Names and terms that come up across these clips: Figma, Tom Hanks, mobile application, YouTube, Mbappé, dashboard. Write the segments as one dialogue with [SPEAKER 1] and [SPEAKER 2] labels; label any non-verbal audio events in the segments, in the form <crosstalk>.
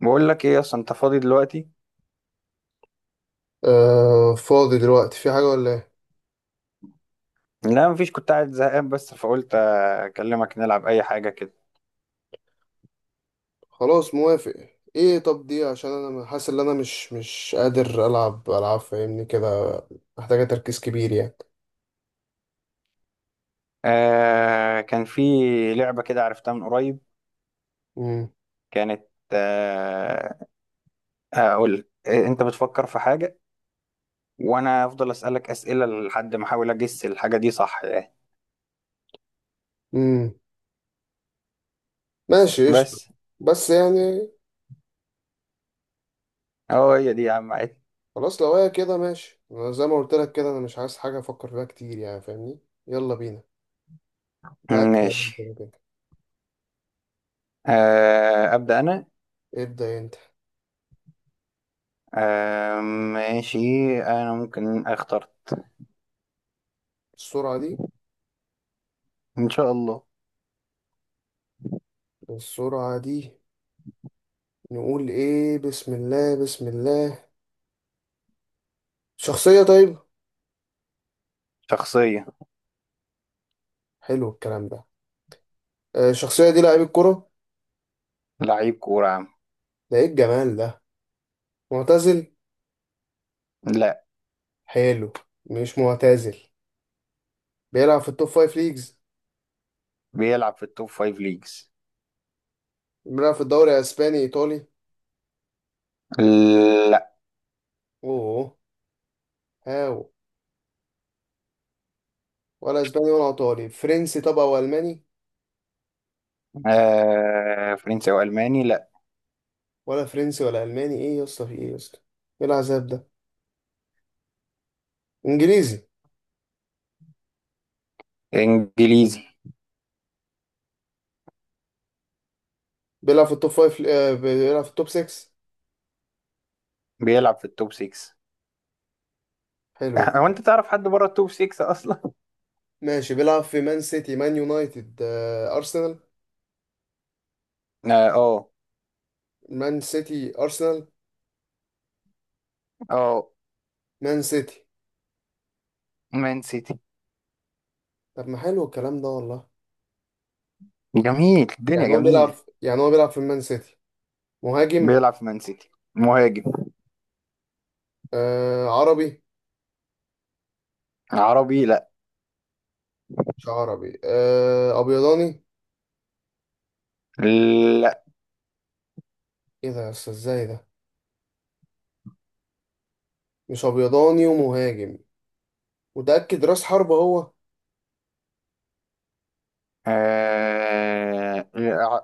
[SPEAKER 1] بقول لك ايه اصلا، انت فاضي دلوقتي؟
[SPEAKER 2] آه، فاضي دلوقتي. في حاجة ولا ايه؟
[SPEAKER 1] لا، مفيش. كنت قاعد زهقان بس فقلت اكلمك نلعب اي حاجه كده.
[SPEAKER 2] خلاص موافق. ايه طب دي؟ عشان انا حاسس ان انا مش قادر العب العاب، فاهمني كده؟ محتاجة تركيز كبير يعني.
[SPEAKER 1] آه، كان في لعبه كده عرفتها من قريب.
[SPEAKER 2] امم
[SPEAKER 1] كانت. آه اقول لك انت بتفكر في حاجه وانا افضل اسالك اسئله لحد ما احاول اجس الحاجه دي، صح يعني؟
[SPEAKER 2] امم ماشي قشطة.
[SPEAKER 1] بس.
[SPEAKER 2] بس يعني
[SPEAKER 1] اه، هي دي يا عم، عادي.
[SPEAKER 2] خلاص، لو هي كده ماشي. أنا زي ما قلت لك كده، انا مش عايز حاجة افكر فيها كتير يعني، فاهمني؟ يلا بينا. تعال تعال انت
[SPEAKER 1] ماشي.
[SPEAKER 2] بقى كده.
[SPEAKER 1] ابدا انا.
[SPEAKER 2] ابدأ انت.
[SPEAKER 1] ماشي. انا ممكن اختار.
[SPEAKER 2] السرعة دي،
[SPEAKER 1] ان شاء الله.
[SPEAKER 2] السرعة دي. نقول ايه، بسم الله بسم الله. شخصية، طيب.
[SPEAKER 1] شخصيه.
[SPEAKER 2] حلو الكلام ده. آه، الشخصية دي لعيب الكرة.
[SPEAKER 1] لعيب كوره يا عم.
[SPEAKER 2] ده ايه الجمال ده؟ معتزل.
[SPEAKER 1] لا.
[SPEAKER 2] حلو. مش معتزل. بيلعب في التوب فايف ليجز.
[SPEAKER 1] بيلعب في التوب فايف ليجز.
[SPEAKER 2] بيلعب في الدوري اسباني، ايطالي.
[SPEAKER 1] لا.
[SPEAKER 2] اوه. هاو. ولا اسباني ولا ايطالي، فرنسي طبعا، والماني.
[SPEAKER 1] فرنسي او الماني؟ لا.
[SPEAKER 2] ولا فرنسي ولا الماني، ايه يا اسطى، في ايه يا اسطى؟ ايه العذاب ده؟ انجليزي.
[SPEAKER 1] انجليزي.
[SPEAKER 2] بيلعب في التوب فايف. آه، بيلعب في التوب 6.
[SPEAKER 1] بيلعب في التوب 6.
[SPEAKER 2] حلو.
[SPEAKER 1] <laughs> هو انت تعرف حد بره التوب 6 اصلا؟
[SPEAKER 2] ماشي، بيلعب في مان سيتي، مان يونايتد، آه، ارسنال.
[SPEAKER 1] اه، اه،
[SPEAKER 2] مان سيتي، ارسنال.
[SPEAKER 1] آه.
[SPEAKER 2] مان سيتي.
[SPEAKER 1] مان سيتي.
[SPEAKER 2] طب ما حلو الكلام ده والله.
[SPEAKER 1] جميل،
[SPEAKER 2] يعني
[SPEAKER 1] الدنيا
[SPEAKER 2] هو
[SPEAKER 1] جميلة.
[SPEAKER 2] يعني هو بيلعب في المان سيتي. مهاجم.
[SPEAKER 1] بيلعب في مان سيتي مهاجم.
[SPEAKER 2] آه، عربي.
[SPEAKER 1] عربي؟ لا.
[SPEAKER 2] مش عربي. آه، ابيضاني.
[SPEAKER 1] لا.
[SPEAKER 2] ايه ده يا أستاذ؟ ازاي ده؟ مش ابيضاني ومهاجم؟ متأكد راس حربة هو؟
[SPEAKER 1] آه...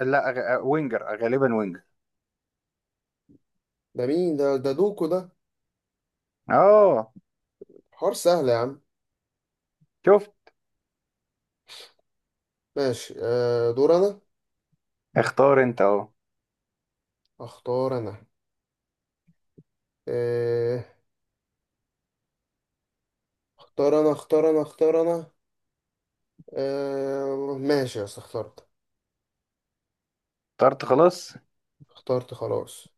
[SPEAKER 1] لا. وينجر، غالبا وينجر.
[SPEAKER 2] ده مين ده دوكو ده.
[SPEAKER 1] اه.
[SPEAKER 2] حوار سهل يا عم.
[SPEAKER 1] شفت؟
[SPEAKER 2] ماشي. آه، دور انا.
[SPEAKER 1] اختار انت اهو.
[SPEAKER 2] اختار انا. آه، اختار انا، اختار انا، اختار انا. آه ماشي يا أستاذ، اخترت.
[SPEAKER 1] اخترت خلاص.
[SPEAKER 2] اخترت خلاص.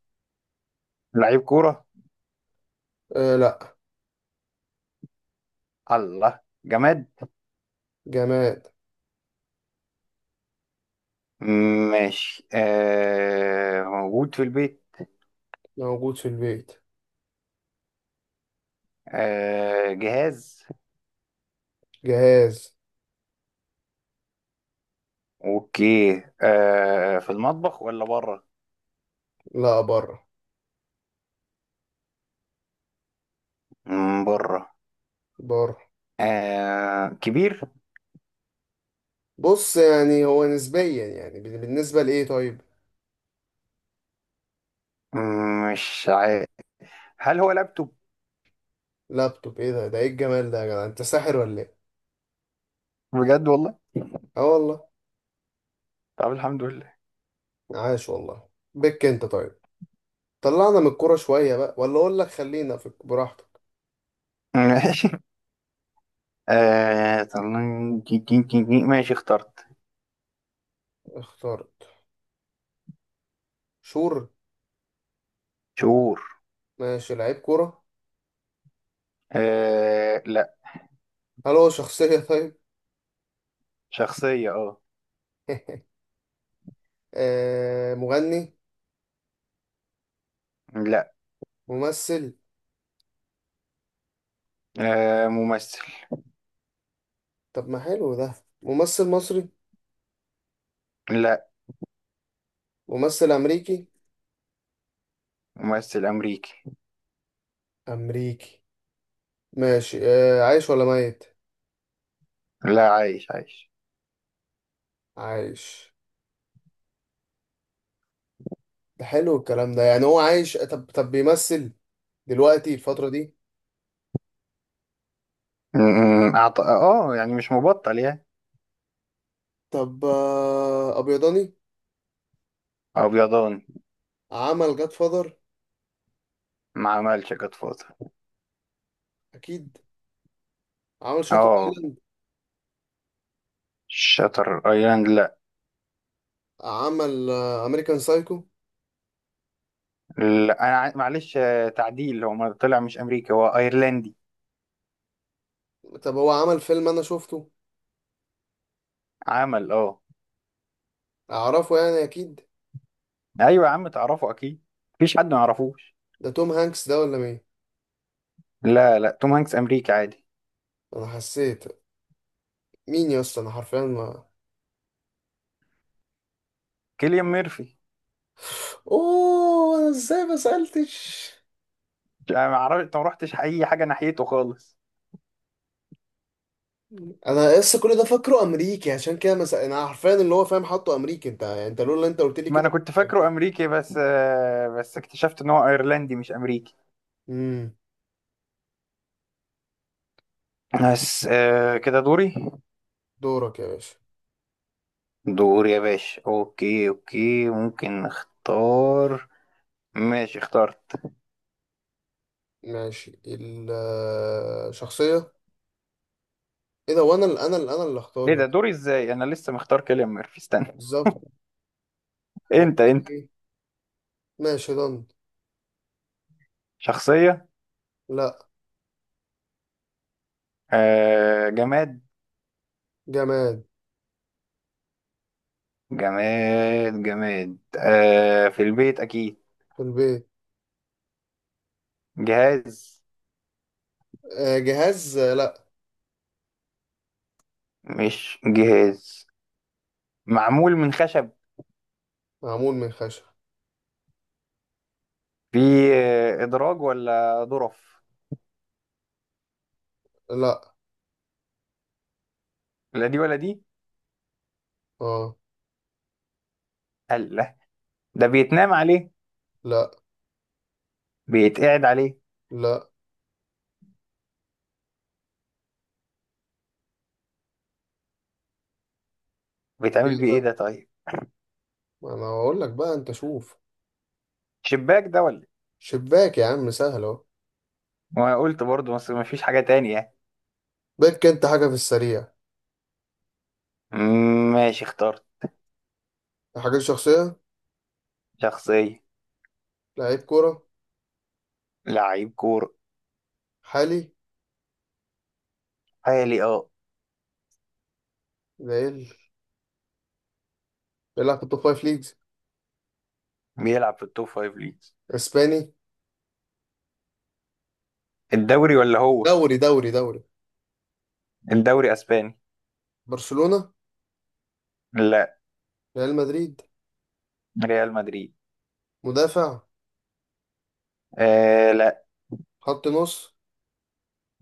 [SPEAKER 1] لعيب كورة.
[SPEAKER 2] آه، لا.
[SPEAKER 1] الله. جماد.
[SPEAKER 2] جماد.
[SPEAKER 1] ماشي. موجود في البيت.
[SPEAKER 2] موجود في البيت.
[SPEAKER 1] جهاز.
[SPEAKER 2] جهاز.
[SPEAKER 1] اوكي. في المطبخ ولا بره؟
[SPEAKER 2] لا، بره.
[SPEAKER 1] بره.
[SPEAKER 2] بره.
[SPEAKER 1] كبير.
[SPEAKER 2] بص، يعني هو نسبيا، يعني بالنسبة لإيه طيب؟
[SPEAKER 1] مش عارف. هل هو لابتوب؟
[SPEAKER 2] لابتوب؟ إيه ده؟ ده إيه الجمال ده يا جدع؟ أنت ساحر ولا إيه؟
[SPEAKER 1] بجد والله.
[SPEAKER 2] آه والله.
[SPEAKER 1] طب الحمد لله.
[SPEAKER 2] عاش والله بك أنت، طيب. طلعنا من الكورة شوية بقى، ولا أقول لك خلينا في براحتك.
[SPEAKER 1] <laughs> ماشي. ماشي، اخترت.
[SPEAKER 2] اخترت. شور.
[SPEAKER 1] شهور.
[SPEAKER 2] ماشي، لعيب كورة.
[SPEAKER 1] لا.
[SPEAKER 2] هل هو شخصية <laughs> طيب؟
[SPEAKER 1] شخصية، اه.
[SPEAKER 2] آه، مغني.
[SPEAKER 1] لا.
[SPEAKER 2] ممثل.
[SPEAKER 1] ممثل.
[SPEAKER 2] طب ما حلو ده. ممثل مصري.
[SPEAKER 1] لا.
[SPEAKER 2] ممثل أمريكي.
[SPEAKER 1] ممثل أمريكي.
[SPEAKER 2] أمريكي. ماشي. آه، عايش ولا ميت؟
[SPEAKER 1] لا، عايش عايش.
[SPEAKER 2] عايش. ده حلو الكلام ده. يعني هو عايش، طب، بيمثل دلوقتي الفترة دي.
[SPEAKER 1] اه يعني مش مبطل يعني.
[SPEAKER 2] طب آه، أبيضاني.
[SPEAKER 1] ابيضان.
[SPEAKER 2] عمل جاد فاذر.
[SPEAKER 1] ما عملش جاد فاذر.
[SPEAKER 2] أكيد. عمل شاتر
[SPEAKER 1] اه.
[SPEAKER 2] ايلاند.
[SPEAKER 1] شاتر ايلاند، لا.
[SPEAKER 2] عمل أمريكان سايكو.
[SPEAKER 1] لا انا معلش، تعديل، هو ما طلع مش امريكي، هو ايرلندي.
[SPEAKER 2] طب هو عمل فيلم أنا شفته.
[SPEAKER 1] عمل، اه.
[SPEAKER 2] أعرفه يعني أكيد.
[SPEAKER 1] ايوه يا عم، تعرفه اكيد. مفيش حد ما يعرفوش.
[SPEAKER 2] ده توم هانكس ده ولا مين؟
[SPEAKER 1] لا لا، توم هانكس امريكي عادي.
[SPEAKER 2] أنا حسيت. مين يا اسطى؟ أنا حرفيا ما...
[SPEAKER 1] كيليان ميرفي.
[SPEAKER 2] أوه، أنا إزاي ما سألتش؟
[SPEAKER 1] انا ما اعرفش، ما رحتش اي حاجه ناحيته خالص.
[SPEAKER 2] أنا لسه كل ده فاكره أمريكي، عشان كده مس... أنا حرفيا اللي هو فاهم حاطه أمريكي. أنت يعني، أنت لولا أنت قلت لي
[SPEAKER 1] ما انا
[SPEAKER 2] كده.
[SPEAKER 1] كنت فاكره امريكي بس. بس اكتشفت ان هو ايرلندي مش امريكي.
[SPEAKER 2] امم.
[SPEAKER 1] بس، كده دوري.
[SPEAKER 2] دورك يا باشا.
[SPEAKER 1] دور يا باشا. اوكي اوكي ممكن نختار. ماشي، اخترت.
[SPEAKER 2] ماشي. الشخصية. ايه ده؟ وانا اللي اختار
[SPEAKER 1] ايه
[SPEAKER 2] يا
[SPEAKER 1] ده؟
[SPEAKER 2] ابني.
[SPEAKER 1] دوري ازاي؟ انا لسه مختار كيليان ميرفي، استنى.
[SPEAKER 2] بالظبط. اقول
[SPEAKER 1] انت
[SPEAKER 2] لك
[SPEAKER 1] انت
[SPEAKER 2] ايه. ماشي، ضن.
[SPEAKER 1] شخصية.
[SPEAKER 2] لا.
[SPEAKER 1] جماد.
[SPEAKER 2] جماد.
[SPEAKER 1] جماد جماد. في البيت اكيد.
[SPEAKER 2] في البيت.
[SPEAKER 1] جهاز.
[SPEAKER 2] آه، جهاز. آه، لا.
[SPEAKER 1] مش جهاز. معمول من خشب.
[SPEAKER 2] معمول من خشب.
[SPEAKER 1] في ادراج ولا ظرف؟
[SPEAKER 2] لا.
[SPEAKER 1] لا دي ولا دي.
[SPEAKER 2] اه.
[SPEAKER 1] قال لا. ده بيتنام عليه؟
[SPEAKER 2] لا.
[SPEAKER 1] بيتقعد عليه؟
[SPEAKER 2] لا. ايه
[SPEAKER 1] بيتعمل بيه ايه
[SPEAKER 2] ده؟
[SPEAKER 1] ده طيب؟
[SPEAKER 2] ما انا هقول لك بقى، انت شوف.
[SPEAKER 1] شباك ده ولا...؟
[SPEAKER 2] شباك يا عم، سهل اهو.
[SPEAKER 1] وانا قلت برضه، بس مفيش حاجة تانية يعني.
[SPEAKER 2] بك انت، حاجة في السريع.
[SPEAKER 1] ماشي، اخترت.
[SPEAKER 2] حاجة، شخصية.
[SPEAKER 1] شخصية.
[SPEAKER 2] لعيب كورة.
[SPEAKER 1] لعيب كورة.
[SPEAKER 2] حالي.
[SPEAKER 1] حالي، اه.
[SPEAKER 2] ليل. بيلعب في التوب فايف ليجز.
[SPEAKER 1] بيلعب في التوب فايف ليجز.
[SPEAKER 2] اسباني.
[SPEAKER 1] الدوري ولا هو؟
[SPEAKER 2] دوري، دوري، دوري.
[SPEAKER 1] الدوري اسباني.
[SPEAKER 2] برشلونة.
[SPEAKER 1] لا.
[SPEAKER 2] ريال مدريد.
[SPEAKER 1] ريال مدريد.
[SPEAKER 2] مدافع.
[SPEAKER 1] لا.
[SPEAKER 2] خط نص.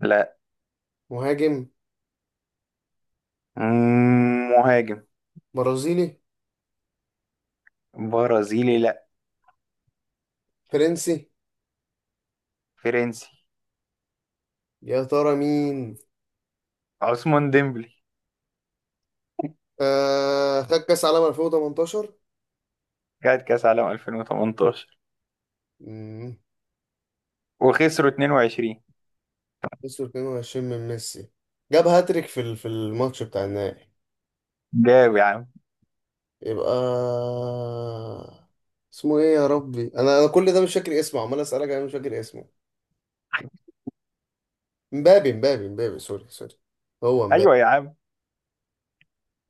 [SPEAKER 1] لا.
[SPEAKER 2] مهاجم.
[SPEAKER 1] مهاجم.
[SPEAKER 2] برازيلي.
[SPEAKER 1] برازيلي؟ لا.
[SPEAKER 2] فرنسي.
[SPEAKER 1] فرنسي.
[SPEAKER 2] يا ترى مين؟
[SPEAKER 1] عثمان ديمبلي.
[SPEAKER 2] آه، خد كاس عالم 2018.
[SPEAKER 1] خد كاس عالم 2018.
[SPEAKER 2] امم.
[SPEAKER 1] وخسروا 2-2.
[SPEAKER 2] 22 من ميسي. جاب هاتريك في الماتش بتاع النهائي.
[SPEAKER 1] جاب يا عم.
[SPEAKER 2] يبقى اسمه ايه يا ربي؟ انا كل ده مش فاكر اسمه، عمال اسالك انا مش فاكر اسمه. مبابي، مبابي، مبابي. سوري، سوري. هو مبابي.
[SPEAKER 1] ايوه يا عم.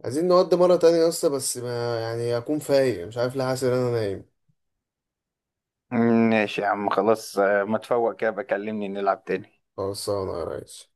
[SPEAKER 2] عايزين نودي مره تانية يا اسطى، بس ما يعني اكون فايق، مش عارف ليه حاسس ان انا نايم.
[SPEAKER 1] ماشي يا عم، خلاص. ما تفوق كده بكلمني نلعب تاني.
[SPEAKER 2] خلصانه يا ريس.